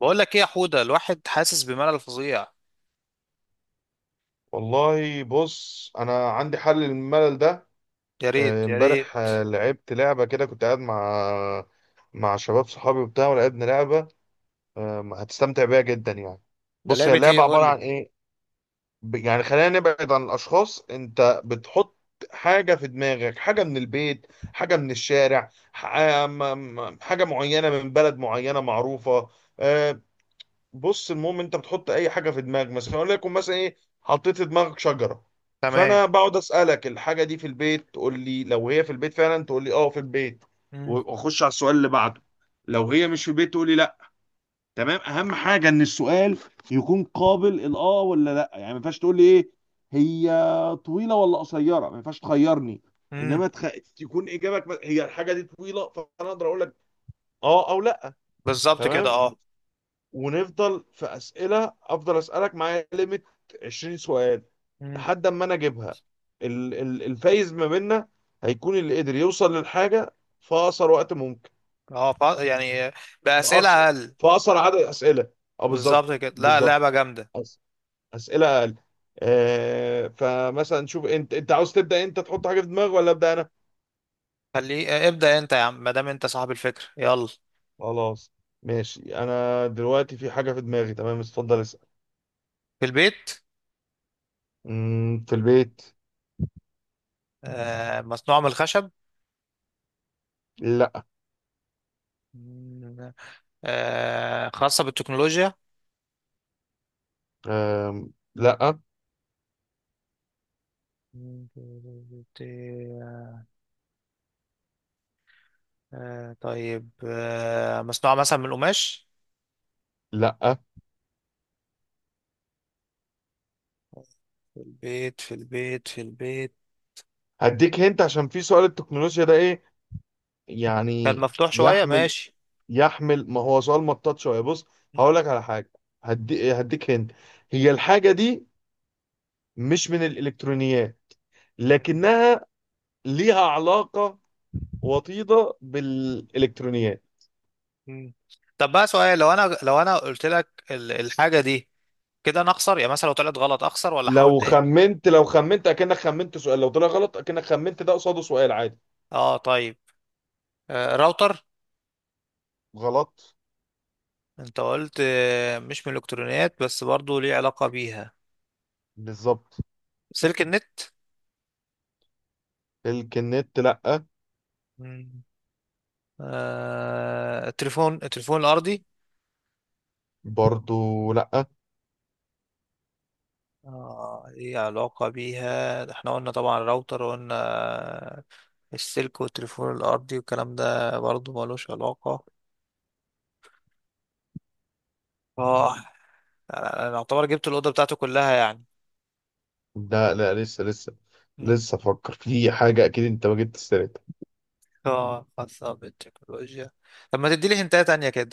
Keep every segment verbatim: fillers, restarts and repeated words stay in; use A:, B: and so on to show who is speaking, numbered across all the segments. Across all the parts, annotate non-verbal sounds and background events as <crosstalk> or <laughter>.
A: بقول لك ايه يا حوده؟ الواحد حاسس بملل فظيع.
B: والله بص انا عندي حل للملل ده.
A: يا ريت
B: آه،
A: يا
B: امبارح،
A: ريت
B: آه، لعبت لعبه كده، كنت قاعد مع مع شباب صحابي وبتاع، ولعبنا لعبه. آه، هتستمتع بيها جدا يعني.
A: ده
B: بص، هي
A: لعبة ايه؟
B: اللعبه
A: قول
B: عباره عن
A: لي.
B: ايه؟ ب- يعني خلينا نبعد عن الاشخاص. انت بتحط حاجه في دماغك، حاجه من البيت، حاجه من الشارع، ح- آه، م- م- حاجه معينه من بلد معينه معروفه. آه، بص، المهم انت بتحط اي حاجه في دماغك. مثلا اقول لكم، مثلا ايه حطيت في دماغك؟ شجره.
A: تمام.
B: فانا بقعد اسالك الحاجه دي في البيت، تقول لي لو هي في البيت فعلا تقول لي اه في البيت،
A: امم.
B: واخش على السؤال اللي بعده. لو هي مش في البيت تقول لي لا. تمام، اهم حاجه ان السؤال يكون قابل الاه ولا لا. يعني ما ينفعش تقول لي ايه هي، طويله ولا قصيره. ما ينفعش تخيرني.
A: امم.
B: انما تخ... تكون اجابك هي الحاجه دي طويله، فانا اقدر اقول لك اه او لا.
A: بالظبط كده،
B: تمام.
A: اه.
B: ونفضل في اسئله، افضل اسالك معايا ليميت عشرين سؤال،
A: امم.
B: لحد اما انا اجيبها. ال- ال- الفايز ما بيننا هيكون اللي قدر يوصل للحاجه في اقصر وقت ممكن.
A: اه، فا- يعني
B: في
A: بأسئلة
B: اقصر
A: اقل.
B: في اقصر عدد اسئله. اه،
A: بالظبط
B: بالظبط
A: كده. لا،
B: بالظبط.
A: لعبة جامدة.
B: أس- اسئله اقل. آه فمثلا نشوف، انت انت عاوز تبدا، انت تحط حاجه في دماغك، ولا ابدا انا؟
A: خليه، آه، ابدأ انت يا عم، ما دام انت صاحب الفكرة، يلا.
B: خلاص ماشي، انا دلوقتي في حاجه في دماغي، تمام اتفضل اسال.
A: في البيت.
B: مم، في البيت.
A: آه، مصنوع من الخشب؟
B: لا.
A: مم. آه، خاصة بالتكنولوجيا؟
B: آم، لا.
A: مم. آه طيب، آه مصنوعة مثلا من القماش؟
B: لا.
A: في البيت، في البيت، في البيت
B: هديك هنت، عشان في سؤال التكنولوجيا ده ايه
A: كان
B: يعني؟
A: مفتوح شوية،
B: يحمل،
A: ماشي.
B: يحمل. ما هو سؤال مطاط شويه. بص
A: مم.
B: هقول لك على حاجه، هدي هديك هنت. هي الحاجه دي مش من الالكترونيات، لكنها ليها علاقه وطيده بالالكترونيات.
A: مم. طب بقى سؤال، لو انا لو انا قلت لك ال- الحاجة دي كده انا اخسر؟ يعني مثلا لو طلعت غلط اخسر ولا احاول
B: لو
A: تاني؟
B: خمنت لو خمنت اكنك خمنت سؤال، لو طلع غلط اكنك خمنت، ده قصاده سؤال عادي.
A: اه طيب. آه، راوتر.
B: غلط.
A: انت قلت آه مش من الالكترونيات بس برضو ليه علاقة بيها.
B: بالظبط.
A: سلك النت.
B: الكنت لا.
A: مم. آه، التليفون، التليفون الارضي.
B: برضو لا
A: اه ليه علاقة بيها، احنا قلنا طبعا راوتر، وقلنا آه، السلك والتليفون الارضي والكلام ده برضو ملوش علاقة. اه. انا أنا اعتبر جبت الاوضه بتاعته كلها يعني.
B: لا. لا، لسه لسه
A: مم.
B: لسه افكر في حاجه اكيد انت ما جبت سيرتها.
A: اه خاصه بالتكنولوجيا. طب ما تديلي هنتايه تانية كده.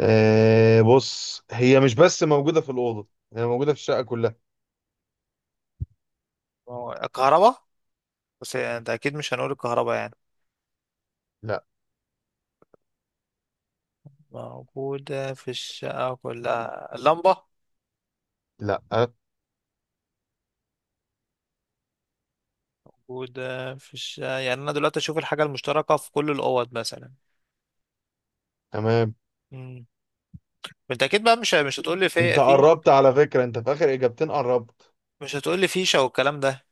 B: أه بص، هي مش بس موجوده في الاوضه، هي موجوده في الشقه كلها.
A: ما هو الكهرباء، بس انت اكيد مش هنقول الكهرباء يعني.
B: لا.
A: موجوده في الشقه كلها، اللمبه.
B: لا أه.
A: موجوده في الشقه، يعني انا دلوقتي اشوف الحاجه المشتركه في كل الاوض مثلا.
B: تمام،
A: مم. انت اكيد بقى مش مش هتقول لي
B: انت
A: في في
B: قربت على فكره، انت في اخر اجابتين قربت.
A: مش هتقول لي فيشه والكلام ده.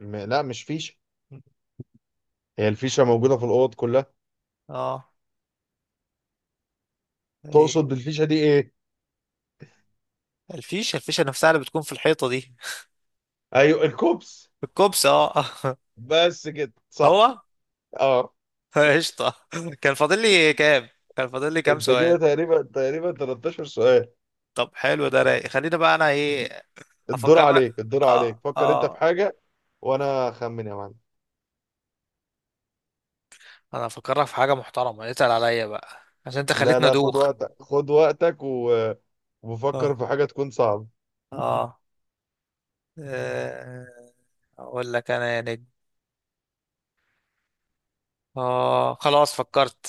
B: م لا، مش فيشه،
A: مم.
B: هي الفيشه موجوده في الاوض كلها.
A: اه.
B: تقصد
A: إيه.
B: بالفيشه دي ايه؟
A: الفيشه، الفيشه نفسها اللي بتكون في الحيطه دي.
B: ايوه، الكوبس.
A: الكوبس، اه. <laughs>
B: بس كده صح.
A: هو.
B: اه،
A: <laughs> قشطة. كان فاضل لي كام، كان فاضل لي كام
B: انت كده
A: سؤال؟
B: تقريبا تقريبا تلتاشر سؤال.
A: طب حلو، ده رايق. خلينا بقى انا ايه.
B: الدور
A: افكرك.
B: عليك الدور عليك،
A: اه،
B: فكر انت في
A: اه.
B: حاجه وانا اخمن يا معلم.
A: انا افكرك في حاجة محترمة، اتقل عليا بقى عشان انت
B: لا
A: خليتنا
B: لا خد
A: دوخ.
B: وقتك، خد وقتك و...
A: اه.
B: وفكر في حاجة تكون صعبة.
A: اه. آه. اقول لك انا يا نجم، اه خلاص فكرت.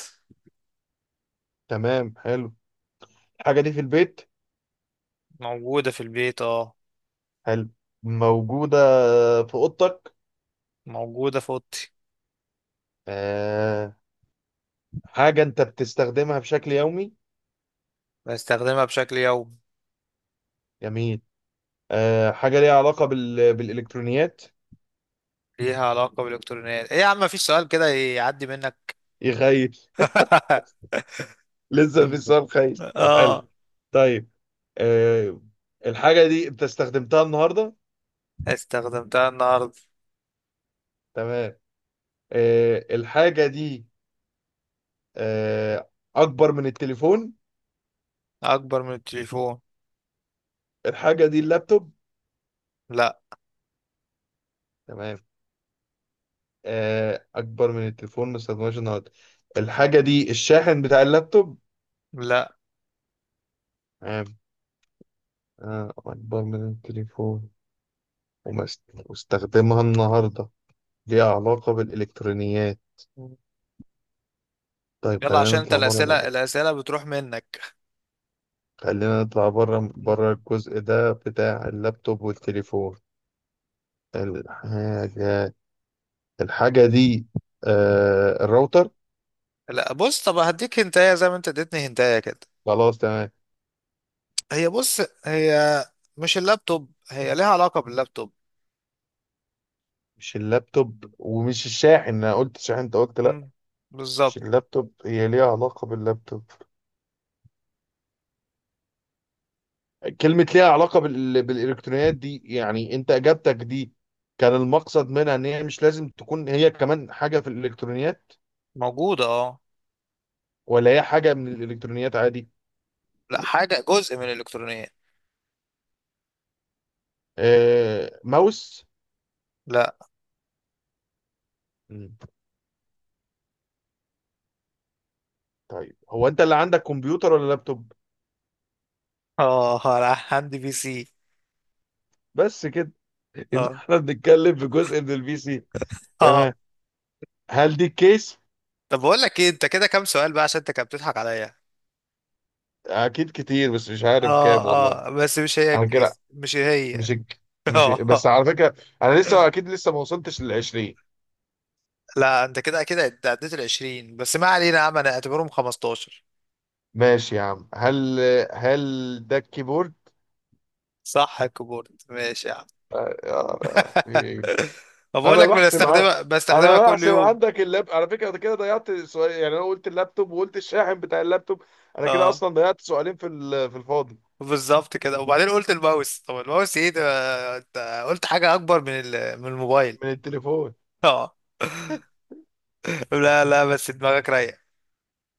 B: تمام حلو. الحاجة دي في البيت.
A: موجودة في البيت، اه.
B: حلو. موجودة في أوضتك.
A: موجودة في اوضتي.
B: آه، حاجة أنت بتستخدمها بشكل يومي.
A: بستخدمها بشكل يومي.
B: جميل. آه، حاجة ليها علاقة بال... بالإلكترونيات.
A: ليها علاقة بالالكترونيات. ايه يا عم؟ مفيش سؤال كده يعدي منك.
B: يخيل. <laughs>
A: <laughs>
B: لسه في السؤال خيل. طب حلو.
A: اه.
B: طيب. آه الحاجة دي أنت استخدمتها النهاردة.
A: استخدمتها النهاردة.
B: تمام. آه الحاجة دي، آه أكبر من التليفون.
A: أكبر من التليفون.
B: الحاجة دي اللابتوب.
A: لا.
B: تمام. آه، اكبر من التليفون ما استخدمهاش النهارده. الحاجه دي الشاحن بتاع اللابتوب.
A: لا،
B: تمام. آه، اكبر من التليفون، وما است- واستخدمها النهارده، ليها علاقه بالالكترونيات. طيب،
A: يلا
B: خلينا
A: عشان أنت
B: نطلع بره.
A: الأسئلة الأسئلة بتروح منك.
B: خلينا نطلع بره،
A: مم.
B: بره الجزء ده بتاع اللابتوب والتليفون. الحاجه الحاجه دي، آه، الراوتر.
A: لا بص، طب هديك هنتاية زي ما أنت اديتني هنتاية كده.
B: خلاص تمام.
A: هي بص هي مش اللابتوب، هي ليها علاقة باللابتوب.
B: مش اللابتوب ومش الشاحن، انا قلت شاحن انت قلت لا.
A: مم.
B: مش
A: بالظبط.
B: اللابتوب، هي ليها علاقة باللابتوب. كلمة ليها علاقة بال... بالإلكترونيات دي، يعني أنت إجابتك دي كان المقصد منها إن هي مش لازم تكون هي كمان حاجة في الإلكترونيات،
A: موجودة، اه.
B: ولا هي حاجة من الإلكترونيات عادي.
A: لا، حاجة جزء من الإلكترونية.
B: آه... ماوس.
A: لا.
B: مم. طيب، هو أنت اللي عندك كمبيوتر ولا لابتوب؟
A: اه، لا، عندي بي سي.
B: بس كده. <laughs> يبقى
A: اه.
B: احنا بنتكلم في جزء من البي سي.
A: اه.
B: تمام. هل دي الكيس؟
A: طب بقول لك ايه، انت كده كام سؤال بقى؟ عشان انت كده بتضحك عليا.
B: أكيد كتير، بس مش عارف كام والله.
A: اه. اه بس مش هي
B: أنا كده
A: الكيس، مش
B: مش
A: هي. <laughs>
B: مش بس على فكرة، أنا لسه أكيد، لسه ما وصلتش لل عشرين.
A: لا، انت كده كده عد- عديت ال عشرين، بس ما علينا يا عم، انا اعتبرهم خمسة عشر.
B: ماشي يا عم. هل هل ده الكيبورد؟
A: صح، الكيبورد، ماشي يا عم.
B: آه،
A: <laughs>
B: إيه.
A: ما بقول
B: انا
A: لك،
B: بحسب ع...
A: بستخدمها
B: انا
A: بستخدمها كل
B: بحسب
A: يوم،
B: عندك اللاب. على فكره أنا كده ضيعت سؤال، يعني انا قلت اللابتوب وقلت الشاحن بتاع اللابتوب. انا كده
A: اه.
B: اصلا ضيعت سؤالين في ال- في الفاضي.
A: بالظبط كده. وبعدين قلت الماوس؟ طب الماوس ايه ده؟ انت قلت حاجة اكبر من ال- من الموبايل.
B: من التليفون.
A: اه. لا لا، بس دماغك رايقة.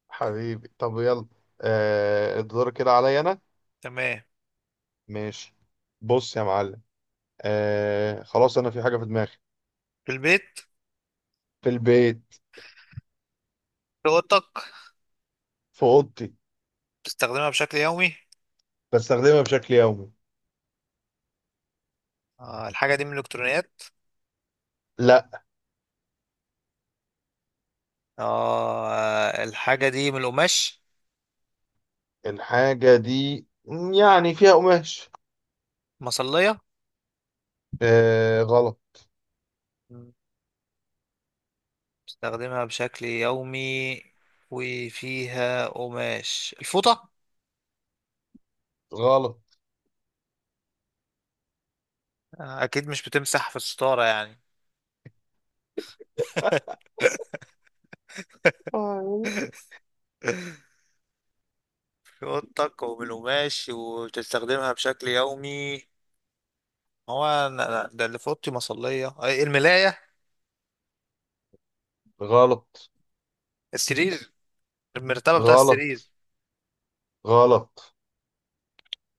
B: حبيبي طب يلا، آه الدور كده عليا انا.
A: تمام.
B: ماشي. بص يا معلم، آه خلاص انا في حاجه في دماغي.
A: في البيت.
B: في البيت.
A: في اوضتك.
B: في اوضتي.
A: بتستخدمها بشكل يومي.
B: بستخدمها بشكل يومي.
A: آه، الحاجة دي من الالكترونيات.
B: لا.
A: آه، الحاجة دي من القماش.
B: الحاجه دي يعني فيها قماش.
A: مصلية.
B: آه غلط.
A: استخدمها بشكل يومي وفيها قماش، الفوطة.
B: غلط.
A: أكيد مش بتمسح في الستارة يعني. <laughs>
B: آه،
A: في أوضتك ومن قماش وبتستخدمها بشكل يومي. هو أنا- أنا- ده اللي في أوضتي مصلية، أي الملاية.
B: غلط.
A: السرير. المرتبة بتاع
B: غلط.
A: السرير.
B: غلط.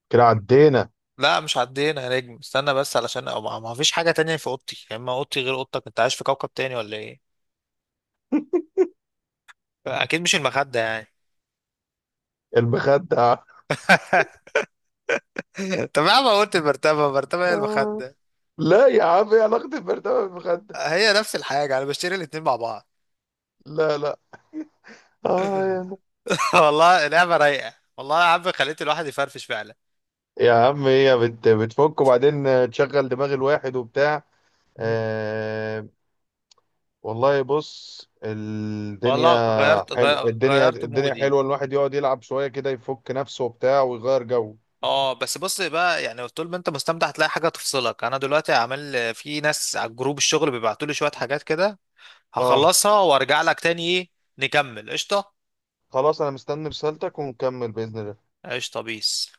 B: كده عدينا.
A: لا مش عدينا يا نجم، استنى بس، علشان أو ما ما فيش حاجة تانية في أوضتي، يا إما أوضتي غير أوضتك، أنت عايش في كوكب تاني ولا إيه؟ أكيد مش المخدة يعني.
B: المخدة.
A: <laughs> طب يا عم، قلت المرتبة، المرتبة هي
B: آه،
A: المخدة؟
B: لا يا عم، ايه علاقة البرطمان بالمخدة.
A: هي نفس الحاجة، أنا بشتري الاتنين مع بعض.
B: لا لا. آه، يلا.
A: <laughs> والله لعبة رايقة، والله يا عم خليت الواحد يفرفش فعلا.
B: يا عم هي بت بتفك وبعدين تشغل دماغ الواحد وبتاع.
A: مم.
B: آه. والله بص الدنيا،
A: والله غيرت،
B: حلو،
A: غي-
B: الدنيا
A: غيرت
B: الدنيا
A: مودي.
B: حلوة. الواحد يقعد يلعب شوية كده، يفك نفسه وبتاع ويغير جو.
A: اه بس بص بقى، يعني طول ما انت مستمتع هتلاقي حاجه تفصلك. انا دلوقتي عامل في ناس على جروب الشغل بيبعتوا لي شويه حاجات كده،
B: اه
A: هخلصها وارجع لك تاني، ايه نكمل؟ قشطه.
B: خلاص، انا مستني رسالتك ونكمل بإذن الله.
A: قشطه، بيس.